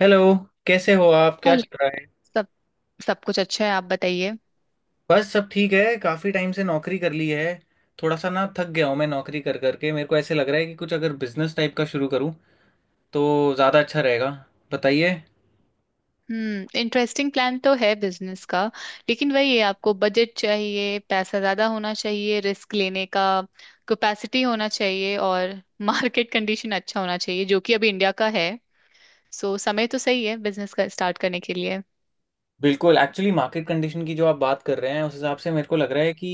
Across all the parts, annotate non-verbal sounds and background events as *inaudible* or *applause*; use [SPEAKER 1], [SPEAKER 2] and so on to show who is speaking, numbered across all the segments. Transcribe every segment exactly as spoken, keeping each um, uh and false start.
[SPEAKER 1] Hello. कैसे हो आप? क्या चल रहा है?
[SPEAKER 2] सब कुछ अच्छा है। आप बताइए।
[SPEAKER 1] बस सब ठीक है, काफी टाइम से नौकरी कर ली है। थोड़ा सा ना थक गया हूँ मैं नौकरी कर करके। मेरे को ऐसे लग रहा है कि कुछ अगर बिजनेस टाइप का शुरू करूँ तो ज़्यादा अच्छा रहेगा, बताइए।
[SPEAKER 2] हम्म इंटरेस्टिंग प्लान तो है बिजनेस का। लेकिन वही है, आपको बजट चाहिए, पैसा ज्यादा होना चाहिए, रिस्क लेने का कैपेसिटी होना चाहिए, और मार्केट कंडीशन अच्छा होना चाहिए जो कि अभी इंडिया का है। सो समय तो सही है बिजनेस का स्टार्ट करने के लिए।
[SPEAKER 1] बिल्कुल, एक्चुअली मार्केट कंडीशन की जो आप बात कर रहे हैं उस हिसाब से मेरे को लग रहा है कि,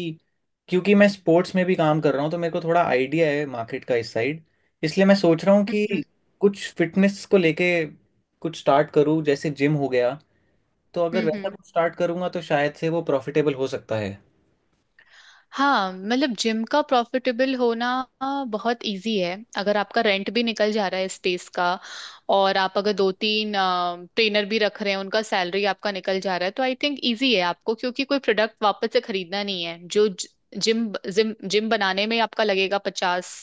[SPEAKER 1] क्योंकि मैं स्पोर्ट्स में भी काम कर रहा हूँ तो मेरे को थोड़ा आइडिया है मार्केट का इस साइड। इसलिए मैं सोच रहा हूँ
[SPEAKER 2] हम्म।
[SPEAKER 1] कि कुछ फिटनेस को लेके कुछ स्टार्ट करूँ, जैसे जिम हो गया। तो अगर
[SPEAKER 2] हम्म। हम्म।
[SPEAKER 1] वैसा कुछ स्टार्ट करूंगा तो शायद से वो प्रॉफिटेबल हो सकता है।
[SPEAKER 2] हाँ, मतलब जिम का प्रॉफिटेबल होना आ, बहुत इजी है अगर आपका रेंट भी निकल जा रहा है स्पेस का, और आप अगर दो तीन ट्रेनर भी रख रहे हैं उनका सैलरी आपका निकल जा रहा है, तो आई थिंक इजी है आपको, क्योंकि कोई प्रोडक्ट वापस से खरीदना नहीं है जो जिम जिम जिम बनाने में आपका लगेगा। पचास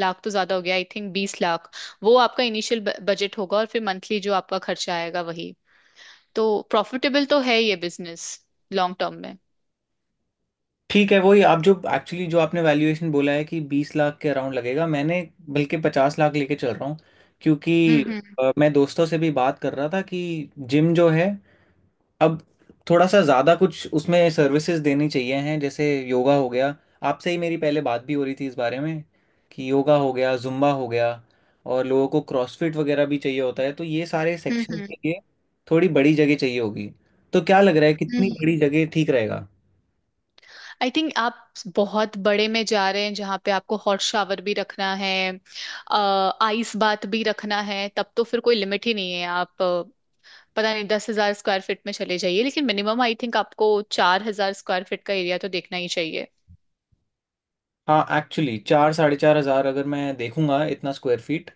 [SPEAKER 2] लाख तो ज्यादा हो गया, आई थिंक बीस लाख। वो आपका इनिशियल बजट होगा, और फिर मंथली जो आपका खर्चा आएगा वही। तो प्रॉफिटेबल तो है ये बिजनेस, लॉन्ग टर्म में।
[SPEAKER 1] ठीक है, वही आप जो एक्चुअली जो आपने वैल्यूएशन बोला है कि बीस लाख के अराउंड लगेगा, मैंने बल्कि पचास लाख लेके चल रहा हूँ। क्योंकि
[SPEAKER 2] हम्म। हम्म।
[SPEAKER 1] अ, मैं दोस्तों से भी बात कर रहा था कि जिम जो है अब थोड़ा सा ज़्यादा कुछ उसमें सर्विसेज देनी चाहिए हैं, जैसे योगा हो गया। आपसे ही मेरी पहले बात भी हो रही थी इस बारे में कि योगा हो गया, जुम्बा हो गया, और लोगों को क्रॉसफिट वगैरह भी चाहिए होता है। तो ये सारे सेक्शन
[SPEAKER 2] हम्म।
[SPEAKER 1] के लिए थोड़ी बड़ी जगह चाहिए होगी। तो क्या लग रहा है कितनी
[SPEAKER 2] हम्म
[SPEAKER 1] बड़ी जगह ठीक रहेगा?
[SPEAKER 2] आई थिंक आप बहुत बड़े में जा रहे हैं, जहाँ पे आपको हॉट शावर भी रखना है, आइस बात भी रखना है, तब तो फिर कोई लिमिट ही नहीं है। आप अ, पता नहीं दस हजार स्क्वायर फीट में चले जाइए, लेकिन मिनिमम आई थिंक आपको चार हजार स्क्वायर फीट का एरिया तो देखना ही चाहिए।
[SPEAKER 1] हाँ एक्चुअली चार साढ़े चार हजार अगर मैं देखूंगा इतना स्क्वायर फीट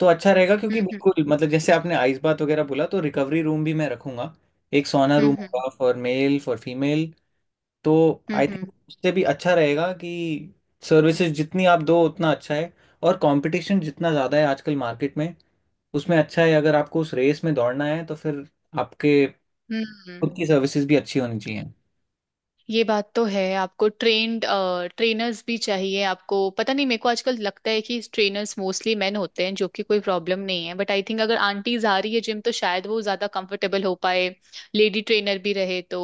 [SPEAKER 1] तो अच्छा रहेगा, क्योंकि
[SPEAKER 2] हम्म।
[SPEAKER 1] बिल्कुल मतलब जैसे आपने आइस बात वगैरह बोला तो रिकवरी रूम भी मैं रखूंगा। एक सोना
[SPEAKER 2] हम्म।
[SPEAKER 1] रूम
[SPEAKER 2] हम्म।
[SPEAKER 1] होगा फॉर मेल फॉर फीमेल। तो
[SPEAKER 2] हम्म।
[SPEAKER 1] आई
[SPEAKER 2] हम्म।
[SPEAKER 1] थिंक उससे भी अच्छा रहेगा कि सर्विसेज जितनी आप दो उतना अच्छा है। और कंपटीशन जितना ज़्यादा है आजकल मार्केट में, उसमें अच्छा है अगर आपको उस रेस में दौड़ना है तो फिर आपके
[SPEAKER 2] हम्म।
[SPEAKER 1] खुद
[SPEAKER 2] हम्म,
[SPEAKER 1] की सर्विसेज भी अच्छी होनी चाहिए।
[SPEAKER 2] ये बात तो है, आपको ट्रेन्ड ट्रेनर्स भी चाहिए। आपको पता नहीं, मेरे को आजकल लगता है कि ट्रेनर्स मोस्टली मेन होते हैं, जो कि कोई प्रॉब्लम नहीं है, बट आई थिंक अगर आंटीज आ रही है जिम तो शायद वो ज्यादा कंफर्टेबल हो पाए लेडी ट्रेनर भी रहे तो।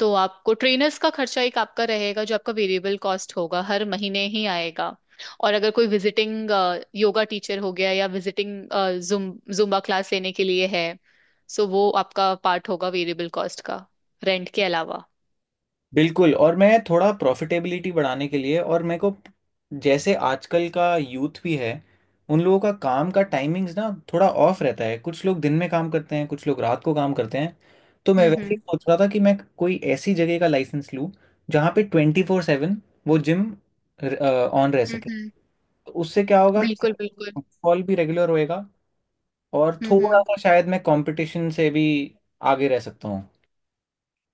[SPEAKER 2] तो आपको ट्रेनर्स का खर्चा एक आपका रहेगा, जो आपका वेरिएबल कॉस्ट होगा, हर महीने ही आएगा। और अगर कोई विजिटिंग योगा टीचर हो गया, या विजिटिंग जुम जुम्बा क्लास लेने के लिए है, सो वो आपका पार्ट होगा वेरिएबल कॉस्ट का, रेंट के अलावा।
[SPEAKER 1] बिल्कुल। और मैं थोड़ा प्रॉफिटेबिलिटी बढ़ाने के लिए, और मेरे को जैसे आजकल का यूथ भी है, उन लोगों का काम का टाइमिंग्स ना थोड़ा ऑफ रहता है, कुछ लोग दिन में काम करते हैं कुछ लोग रात को काम करते हैं। तो मैं वैसे ही सोच रहा था कि मैं कोई ऐसी जगह का लाइसेंस लूँ जहाँ पे ट्वेंटी फोर सेवन वो जिम ऑन रह
[SPEAKER 2] हम्म।
[SPEAKER 1] सके।
[SPEAKER 2] हम्म।
[SPEAKER 1] तो उससे क्या होगा कि
[SPEAKER 2] बिल्कुल, बिल्कुल।
[SPEAKER 1] फुटफॉल भी रेगुलर होएगा, और
[SPEAKER 2] हम्म।
[SPEAKER 1] थोड़ा
[SPEAKER 2] हम्म
[SPEAKER 1] सा शायद मैं कंपटीशन से भी आगे रह सकता।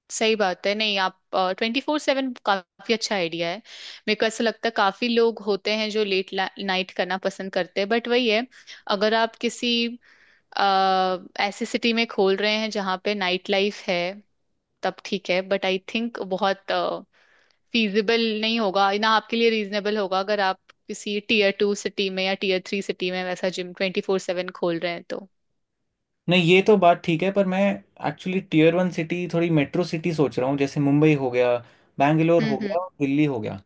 [SPEAKER 2] सही बात है, नहीं आप, ट्वेंटी फोर सेवन काफी अच्छा आइडिया है। मेरे को ऐसा लगता है काफी लोग होते हैं जो लेट नाइट करना पसंद करते हैं, बट वही है, अगर आप किसी आ, ऐसी सिटी में खोल रहे हैं जहाँ पे नाइट लाइफ है, तब ठीक है, बट आई थिंक बहुत फीजिबल नहीं होगा ना आपके लिए, रीजनेबल होगा अगर आप किसी टीयर टू सिटी में या टीयर थ्री सिटी में वैसा जिम ट्वेंटी फोर सेवन खोल रहे हैं तो।
[SPEAKER 1] नहीं ये तो बात ठीक है, पर मैं एक्चुअली टीयर वन सिटी, थोड़ी मेट्रो सिटी सोच रहा हूँ, जैसे मुंबई हो गया, बैंगलोर
[SPEAKER 2] हम्म।
[SPEAKER 1] हो
[SPEAKER 2] हम्म।
[SPEAKER 1] गया, और दिल्ली हो गया।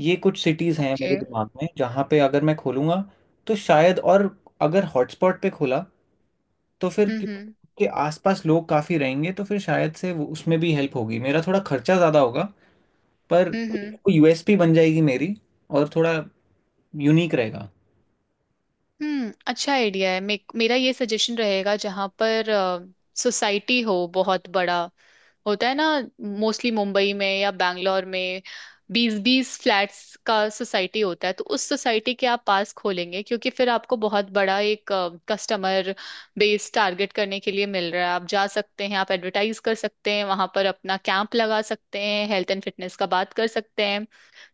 [SPEAKER 1] ये कुछ सिटीज़ हैं मेरे
[SPEAKER 2] ओके।
[SPEAKER 1] दिमाग में जहाँ पे अगर मैं खोलूँगा तो शायद, और अगर हॉटस्पॉट पे खोला तो फिर
[SPEAKER 2] हम्म।
[SPEAKER 1] क्योंकि
[SPEAKER 2] हम्म।
[SPEAKER 1] उसके आसपास लोग काफ़ी रहेंगे तो फिर शायद से वो- उसमें भी हेल्प होगी। मेरा थोड़ा खर्चा ज़्यादा होगा, पर
[SPEAKER 2] हम्म। हम्म।
[SPEAKER 1] यूएसपी बन जाएगी मेरी, और थोड़ा यूनिक रहेगा।
[SPEAKER 2] हम्म अच्छा आइडिया है। मे, मेरा ये सजेशन रहेगा, जहाँ पर सोसाइटी हो बहुत बड़ा, होता है ना मोस्टली मुंबई में या बैंगलोर में, बीस बीस फ्लैट्स का सोसाइटी, होता है तो उस सोसाइटी के आप पास खोलेंगे, क्योंकि फिर आपको बहुत बड़ा एक कस्टमर बेस टारगेट करने के लिए मिल रहा है। आप जा सकते हैं, आप एडवर्टाइज कर सकते हैं वहां पर, अपना कैंप लगा सकते हैं, हेल्थ एंड फिटनेस का बात कर सकते हैं।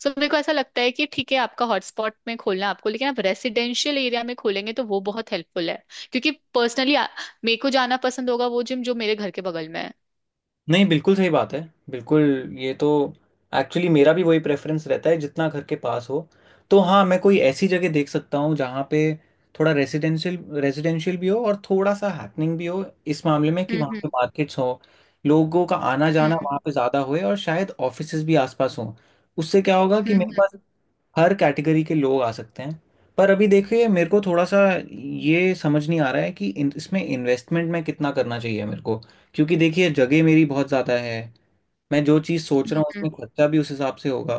[SPEAKER 2] सो मेरे को ऐसा लगता है कि ठीक है आपका हॉटस्पॉट में खोलना है आपको, लेकिन आप रेसिडेंशियल एरिया में खोलेंगे तो वो बहुत हेल्पफुल है, क्योंकि पर्सनली मेरे को जाना पसंद होगा वो जिम जो मेरे घर के बगल में है।
[SPEAKER 1] नहीं बिल्कुल सही बात है, बिल्कुल। ये तो एक्चुअली मेरा भी वही प्रेफरेंस रहता है जितना घर के पास हो। तो हाँ मैं कोई ऐसी जगह देख सकता हूँ जहाँ पे थोड़ा रेजिडेंशियल रेजिडेंशियल भी हो और थोड़ा सा हैपनिंग भी हो इस मामले में कि वहाँ
[SPEAKER 2] हम्म।
[SPEAKER 1] पे मार्केट्स हो, लोगों का आना जाना वहाँ
[SPEAKER 2] हम्म।
[SPEAKER 1] पे ज़्यादा होए, और शायद ऑफिसेज भी आसपास हों। उससे क्या होगा कि मेरे
[SPEAKER 2] हम्म।
[SPEAKER 1] पास हर कैटेगरी के लोग आ सकते हैं। पर अभी देखिए मेरे को थोड़ा सा ये समझ नहीं आ रहा है कि इन, इसमें इन्वेस्टमेंट में कितना करना चाहिए मेरे को, क्योंकि देखिए जगह मेरी बहुत ज़्यादा है। मैं जो चीज़ सोच
[SPEAKER 2] हम्म।
[SPEAKER 1] रहा हूँ
[SPEAKER 2] हम्म।
[SPEAKER 1] उसमें खर्चा भी उस हिसाब से होगा।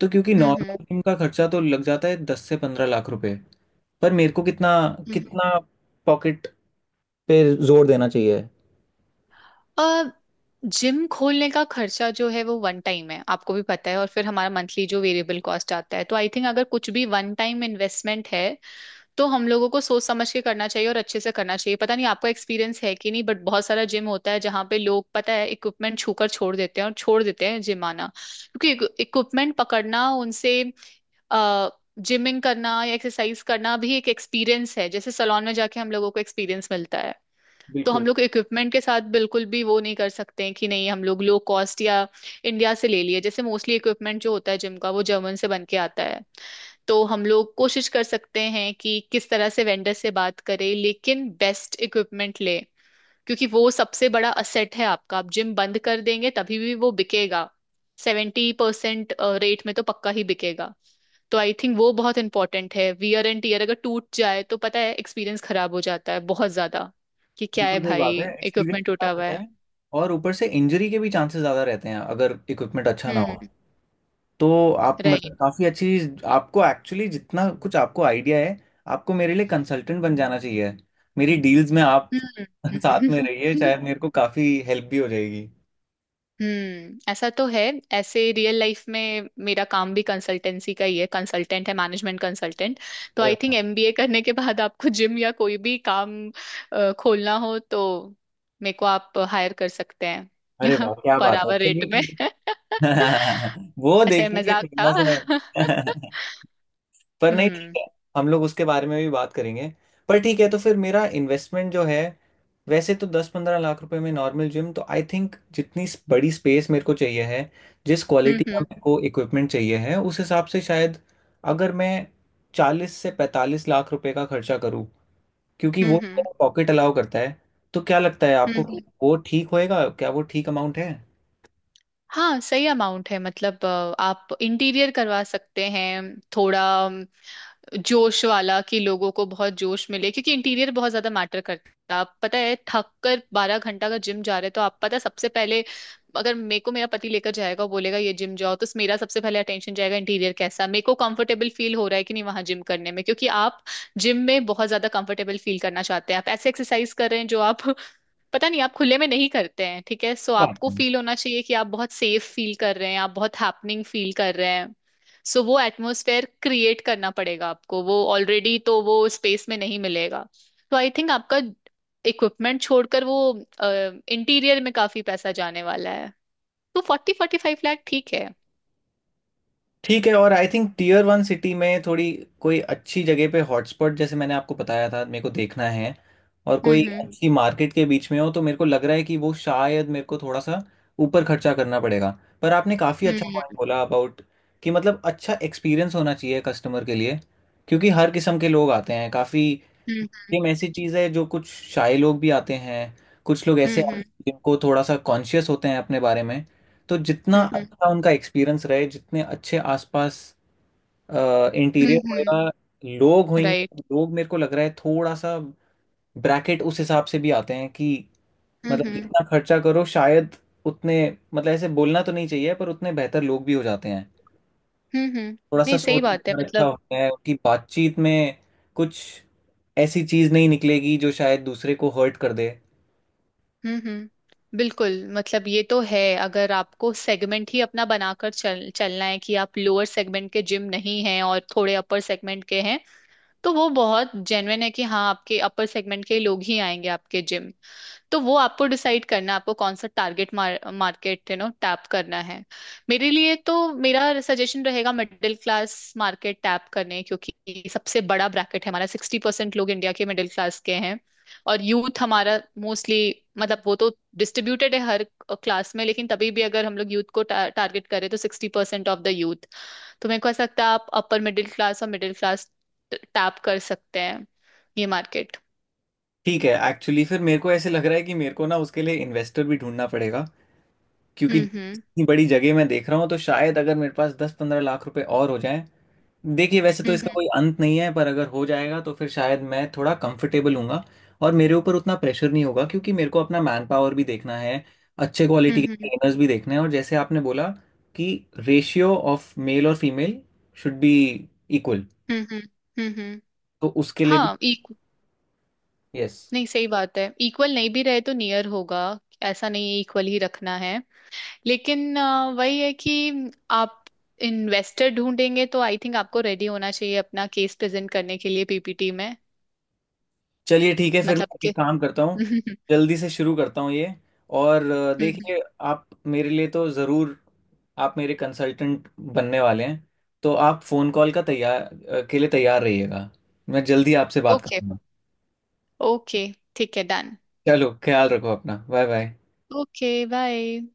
[SPEAKER 1] तो क्योंकि
[SPEAKER 2] हम्म। हम्म।
[SPEAKER 1] नॉर्मल जिम का खर्चा तो लग जाता है दस से पंद्रह लाख रुपए, पर मेरे को कितना
[SPEAKER 2] हम्म।
[SPEAKER 1] कितना पॉकेट पे जोर देना चाहिए।
[SPEAKER 2] अ, जिम खोलने का खर्चा जो है वो वन टाइम है, आपको भी पता है, और फिर हमारा मंथली जो वेरिएबल कॉस्ट आता है। तो आई थिंक अगर कुछ भी वन टाइम इन्वेस्टमेंट है तो हम लोगों को सोच समझ के करना चाहिए, और अच्छे से करना चाहिए। पता नहीं आपका एक्सपीरियंस है कि नहीं, बट बहुत सारा जिम होता है जहाँ पे लोग, पता है, इक्विपमेंट छूकर छोड़ देते हैं, और छोड़ देते हैं जिम आना, क्योंकि इक्विपमेंट पकड़ना उनसे अ जिमिंग करना या एक्सरसाइज करना भी एक एक्सपीरियंस है, जैसे सलोन में जाके हम लोगों को एक्सपीरियंस मिलता है। तो हम
[SPEAKER 1] बिल्कुल,
[SPEAKER 2] लोग इक्विपमेंट के साथ बिल्कुल भी वो नहीं कर सकते हैं कि नहीं हम लोग लो कॉस्ट या इंडिया से ले लिए, जैसे मोस्टली इक्विपमेंट जो होता है जिम का वो जर्मन से बन के आता है। तो हम लोग कोशिश कर सकते हैं कि किस तरह से वेंडर से बात करें, लेकिन बेस्ट इक्विपमेंट ले, क्योंकि वो सबसे बड़ा असेट है आपका, आप जिम बंद कर देंगे तभी भी वो बिकेगा, सेवेंटी परसेंट रेट में तो पक्का ही बिकेगा। तो आई थिंक वो बहुत इंपॉर्टेंट है, वियर एंड टीयर अगर टूट जाए तो पता है एक्सपीरियंस खराब हो जाता है बहुत ज्यादा, कि क्या है
[SPEAKER 1] बिल्कुल सही
[SPEAKER 2] भाई,
[SPEAKER 1] बात है, एक्सपीरियंस
[SPEAKER 2] इक्विपमेंट टूटा
[SPEAKER 1] खराब
[SPEAKER 2] हुआ
[SPEAKER 1] होता
[SPEAKER 2] है।
[SPEAKER 1] है और ऊपर से इंजरी के भी चांसेस ज़्यादा रहते हैं अगर इक्विपमेंट अच्छा ना हो।
[SPEAKER 2] हम्म।
[SPEAKER 1] तो आप मतलब
[SPEAKER 2] राइट।
[SPEAKER 1] काफी अच्छी, आपको एक्चुअली जितना कुछ आपको आइडिया है, आपको मेरे लिए कंसल्टेंट बन जाना चाहिए, मेरी डील्स में आप
[SPEAKER 2] हम्म।
[SPEAKER 1] *laughs* साथ में रहिए, शायद
[SPEAKER 2] *laughs*
[SPEAKER 1] मेरे को काफी हेल्प भी हो जाएगी।
[SPEAKER 2] हम्म ऐसा तो है, ऐसे रियल लाइफ में मेरा काम भी कंसल्टेंसी का ही है, कंसल्टेंट है, मैनेजमेंट कंसल्टेंट। तो
[SPEAKER 1] अरे
[SPEAKER 2] आई थिंक
[SPEAKER 1] वाह।
[SPEAKER 2] एमबीए करने के बाद आपको जिम या कोई भी काम अ, खोलना हो तो मेरे को आप हायर कर सकते हैं
[SPEAKER 1] अरे
[SPEAKER 2] *laughs*
[SPEAKER 1] वाह क्या
[SPEAKER 2] पर
[SPEAKER 1] बात है! *laughs*
[SPEAKER 2] आवर रेट
[SPEAKER 1] चलिए
[SPEAKER 2] में
[SPEAKER 1] ठीक
[SPEAKER 2] *laughs*
[SPEAKER 1] है। *laughs* वो
[SPEAKER 2] अच्छा ये
[SPEAKER 1] देखिए
[SPEAKER 2] मजाक
[SPEAKER 1] थोड़ा
[SPEAKER 2] था *laughs*
[SPEAKER 1] सा। *laughs* पर नहीं ठीक
[SPEAKER 2] हम्म।
[SPEAKER 1] है, हम लोग उसके बारे में भी बात करेंगे। पर ठीक है, तो फिर मेरा इन्वेस्टमेंट जो है, वैसे तो दस पंद्रह लाख रुपए में नॉर्मल जिम, तो आई थिंक जितनी स- बड़ी स्पेस मेरे को चाहिए है, जिस
[SPEAKER 2] हम्म।
[SPEAKER 1] क्वालिटी का
[SPEAKER 2] हम्म।
[SPEAKER 1] मेरे को इक्विपमेंट चाहिए है उस हिसाब से शायद अगर मैं चालीस से पैंतालीस लाख रुपए का खर्चा करूँ, क्योंकि वो
[SPEAKER 2] हम्म। हम्म।
[SPEAKER 1] मेरा पॉकेट अलाउ करता है, तो क्या लगता है
[SPEAKER 2] हम्म।
[SPEAKER 1] आपको कि
[SPEAKER 2] हम्म।
[SPEAKER 1] वो ठीक होएगा? क्या वो ठीक अमाउंट
[SPEAKER 2] हाँ, सही अमाउंट है, मतलब अ, आप इंटीरियर करवा सकते हैं थोड़ा जोश वाला, कि लोगों को बहुत जोश मिले, क्योंकि इंटीरियर बहुत ज्यादा मैटर करता है। आप पता है, थक कर बारह घंटा का, जिम जा रहे हो तो आप, पता है, सबसे पहले अगर मेरे को मेरा पति लेकर जाएगा और बोलेगा ये जिम जाओ तो मेरा सबसे पहले अटेंशन जाएगा इंटीरियर कैसा, मेरे को कंफर्टेबल फील हो रहा है कि नहीं वहां जिम करने में, क्योंकि आप जिम में बहुत ज्यादा कंफर्टेबल फील करना चाहते हैं, आप ऐसे एक्सरसाइज कर रहे हैं जो आप *laughs* पता नहीं आप खुले में नहीं करते हैं, ठीक है। सो आपको
[SPEAKER 1] है?
[SPEAKER 2] फील होना चाहिए कि आप बहुत सेफ फील कर रहे हैं, आप बहुत हैपनिंग फील कर रहे हैं। सो वो एटमॉस्फेयर क्रिएट करना पड़ेगा आपको, वो ऑलरेडी तो वो स्पेस में नहीं मिलेगा। तो आई थिंक आपका इक्विपमेंट छोड़कर वो इंटीरियर में काफी पैसा जाने वाला है। तो फोर्टी फोर्टी फाइव लाख ठीक है।
[SPEAKER 1] ठीक है। और I think tier one city में थोड़ी कोई अच्छी जगह पे हॉटस्पॉट जैसे मैंने आपको बताया था मेरे को देखना है, और कोई
[SPEAKER 2] हम्म।
[SPEAKER 1] अच्छी मार्केट के बीच में हो, तो मेरे को लग रहा है कि वो शायद मेरे को थोड़ा सा ऊपर खर्चा करना पड़ेगा। पर आपने काफ़ी अच्छा पॉइंट
[SPEAKER 2] हम्म।
[SPEAKER 1] बोला अबाउट, कि मतलब अच्छा एक्सपीरियंस होना चाहिए कस्टमर के लिए, क्योंकि हर किस्म के लोग आते हैं काफ़ी। गेम ऐसी चीज है जो कुछ शाय लोग भी आते हैं, कुछ लोग ऐसे आते हैं
[SPEAKER 2] हम्म।
[SPEAKER 1] जिनको थोड़ा सा कॉन्शियस होते हैं अपने बारे में। तो जितना अच्छा उनका एक्सपीरियंस रहे, जितने अच्छे आसपास इंटीरियर होएगा,
[SPEAKER 2] हम्म।
[SPEAKER 1] लोग
[SPEAKER 2] राइट।
[SPEAKER 1] होंगे, लोग मेरे को लग रहा है थोड़ा सा ब्रैकेट उस हिसाब से भी आते हैं कि,
[SPEAKER 2] हम्म। हम्म। हम्म। हम्म। हम्म। right।
[SPEAKER 1] मतलब
[SPEAKER 2] हम्म। हम्म।
[SPEAKER 1] जितना खर्चा करो शायद उतने, मतलब ऐसे बोलना तो नहीं चाहिए पर उतने बेहतर लोग भी हो जाते हैं,
[SPEAKER 2] हम्म। हम्म।
[SPEAKER 1] थोड़ा सा
[SPEAKER 2] नहीं, सही
[SPEAKER 1] सोच
[SPEAKER 2] बात है,
[SPEAKER 1] विचार अच्छा
[SPEAKER 2] मतलब।
[SPEAKER 1] होता है कि बातचीत में कुछ ऐसी चीज नहीं निकलेगी जो शायद दूसरे को हर्ट कर दे।
[SPEAKER 2] हम्म। हम्म बिल्कुल, मतलब ये तो है, अगर आपको सेगमेंट ही अपना बनाकर चल चलना है कि आप लोअर सेगमेंट के जिम नहीं हैं और थोड़े अपर सेगमेंट के हैं, तो वो बहुत जेन्युइन है कि हाँ आपके अपर सेगमेंट के लोग ही आएंगे आपके जिम। तो वो आपको डिसाइड करना है आपको कौन सा target market, you know, tap करना है। मेरे लिए तो, मेरा सजेशन रहेगा मिडिल क्लास मार्केट टैप करने, क्योंकि सबसे बड़ा ब्रैकेट है हमारा, सिक्सटी परसेंट लोग इंडिया के मिडिल क्लास के हैं। और यूथ हमारा मोस्टली, मतलब वो तो डिस्ट्रीब्यूटेड है हर क्लास में, लेकिन तभी भी अगर हम लोग यूथ को टारगेट करें तो sixty percent of the youth. तो मेरे को ऐसा लगता है आप अपर मिडिल क्लास और मिडिल क्लास टैप कर सकते हैं ये मार्केट।
[SPEAKER 1] ठीक है, एक्चुअली फिर मेरे को ऐसे लग रहा है कि मेरे को ना उसके लिए इन्वेस्टर भी ढूंढना पड़ेगा, क्योंकि
[SPEAKER 2] हम्म। हम्म।
[SPEAKER 1] इतनी बड़ी जगह मैं देख रहा हूँ, तो शायद अगर मेरे पास दस पंद्रह लाख रुपए और हो जाए, देखिए वैसे तो इसका कोई अंत नहीं है, पर अगर हो जाएगा तो फिर शायद मैं थोड़ा कंफर्टेबल हूँगा और मेरे ऊपर उतना प्रेशर नहीं होगा, क्योंकि मेरे को अपना मैन पावर भी देखना है, अच्छे
[SPEAKER 2] हम्म।
[SPEAKER 1] क्वालिटी
[SPEAKER 2] हम्म।
[SPEAKER 1] के
[SPEAKER 2] हम्म।
[SPEAKER 1] ट्रेनर्स भी देखने हैं, और जैसे आपने बोला कि रेशियो ऑफ मेल और फीमेल शुड बी इक्वल,
[SPEAKER 2] हम्म। हम्म। हम्म। हम्म।
[SPEAKER 1] तो उसके लिए भी,
[SPEAKER 2] हाँ, इक्व
[SPEAKER 1] यस।
[SPEAKER 2] नहीं, सही बात है, इक्वल नहीं भी रहे तो नियर होगा, ऐसा नहीं है इक्वल ही रखना है। लेकिन अ, वही है कि आप इन्वेस्टर ढूंढेंगे तो आई थिंक आपको रेडी होना चाहिए अपना केस प्रेजेंट करने के लिए पीपीटी में।
[SPEAKER 1] चलिए ठीक है फिर
[SPEAKER 2] मतलब
[SPEAKER 1] मैं
[SPEAKER 2] कि
[SPEAKER 1] एक काम करता हूँ,
[SPEAKER 2] *laughs*
[SPEAKER 1] जल्दी से शुरू करता हूँ ये। और अ, देखिए आप मेरे लिए तो ज़रूर, आप मेरे कंसल्टेंट बनने वाले हैं, तो आप फ़ोन कॉल का तैयार अ, के लिए तैयार रहिएगा। मैं जल्दी आपसे बात
[SPEAKER 2] ओके।
[SPEAKER 1] करूँगा।
[SPEAKER 2] ओके। ठीक है, डन।
[SPEAKER 1] चलो ख्याल रखो अपना। Bye bye.
[SPEAKER 2] Okay, bye.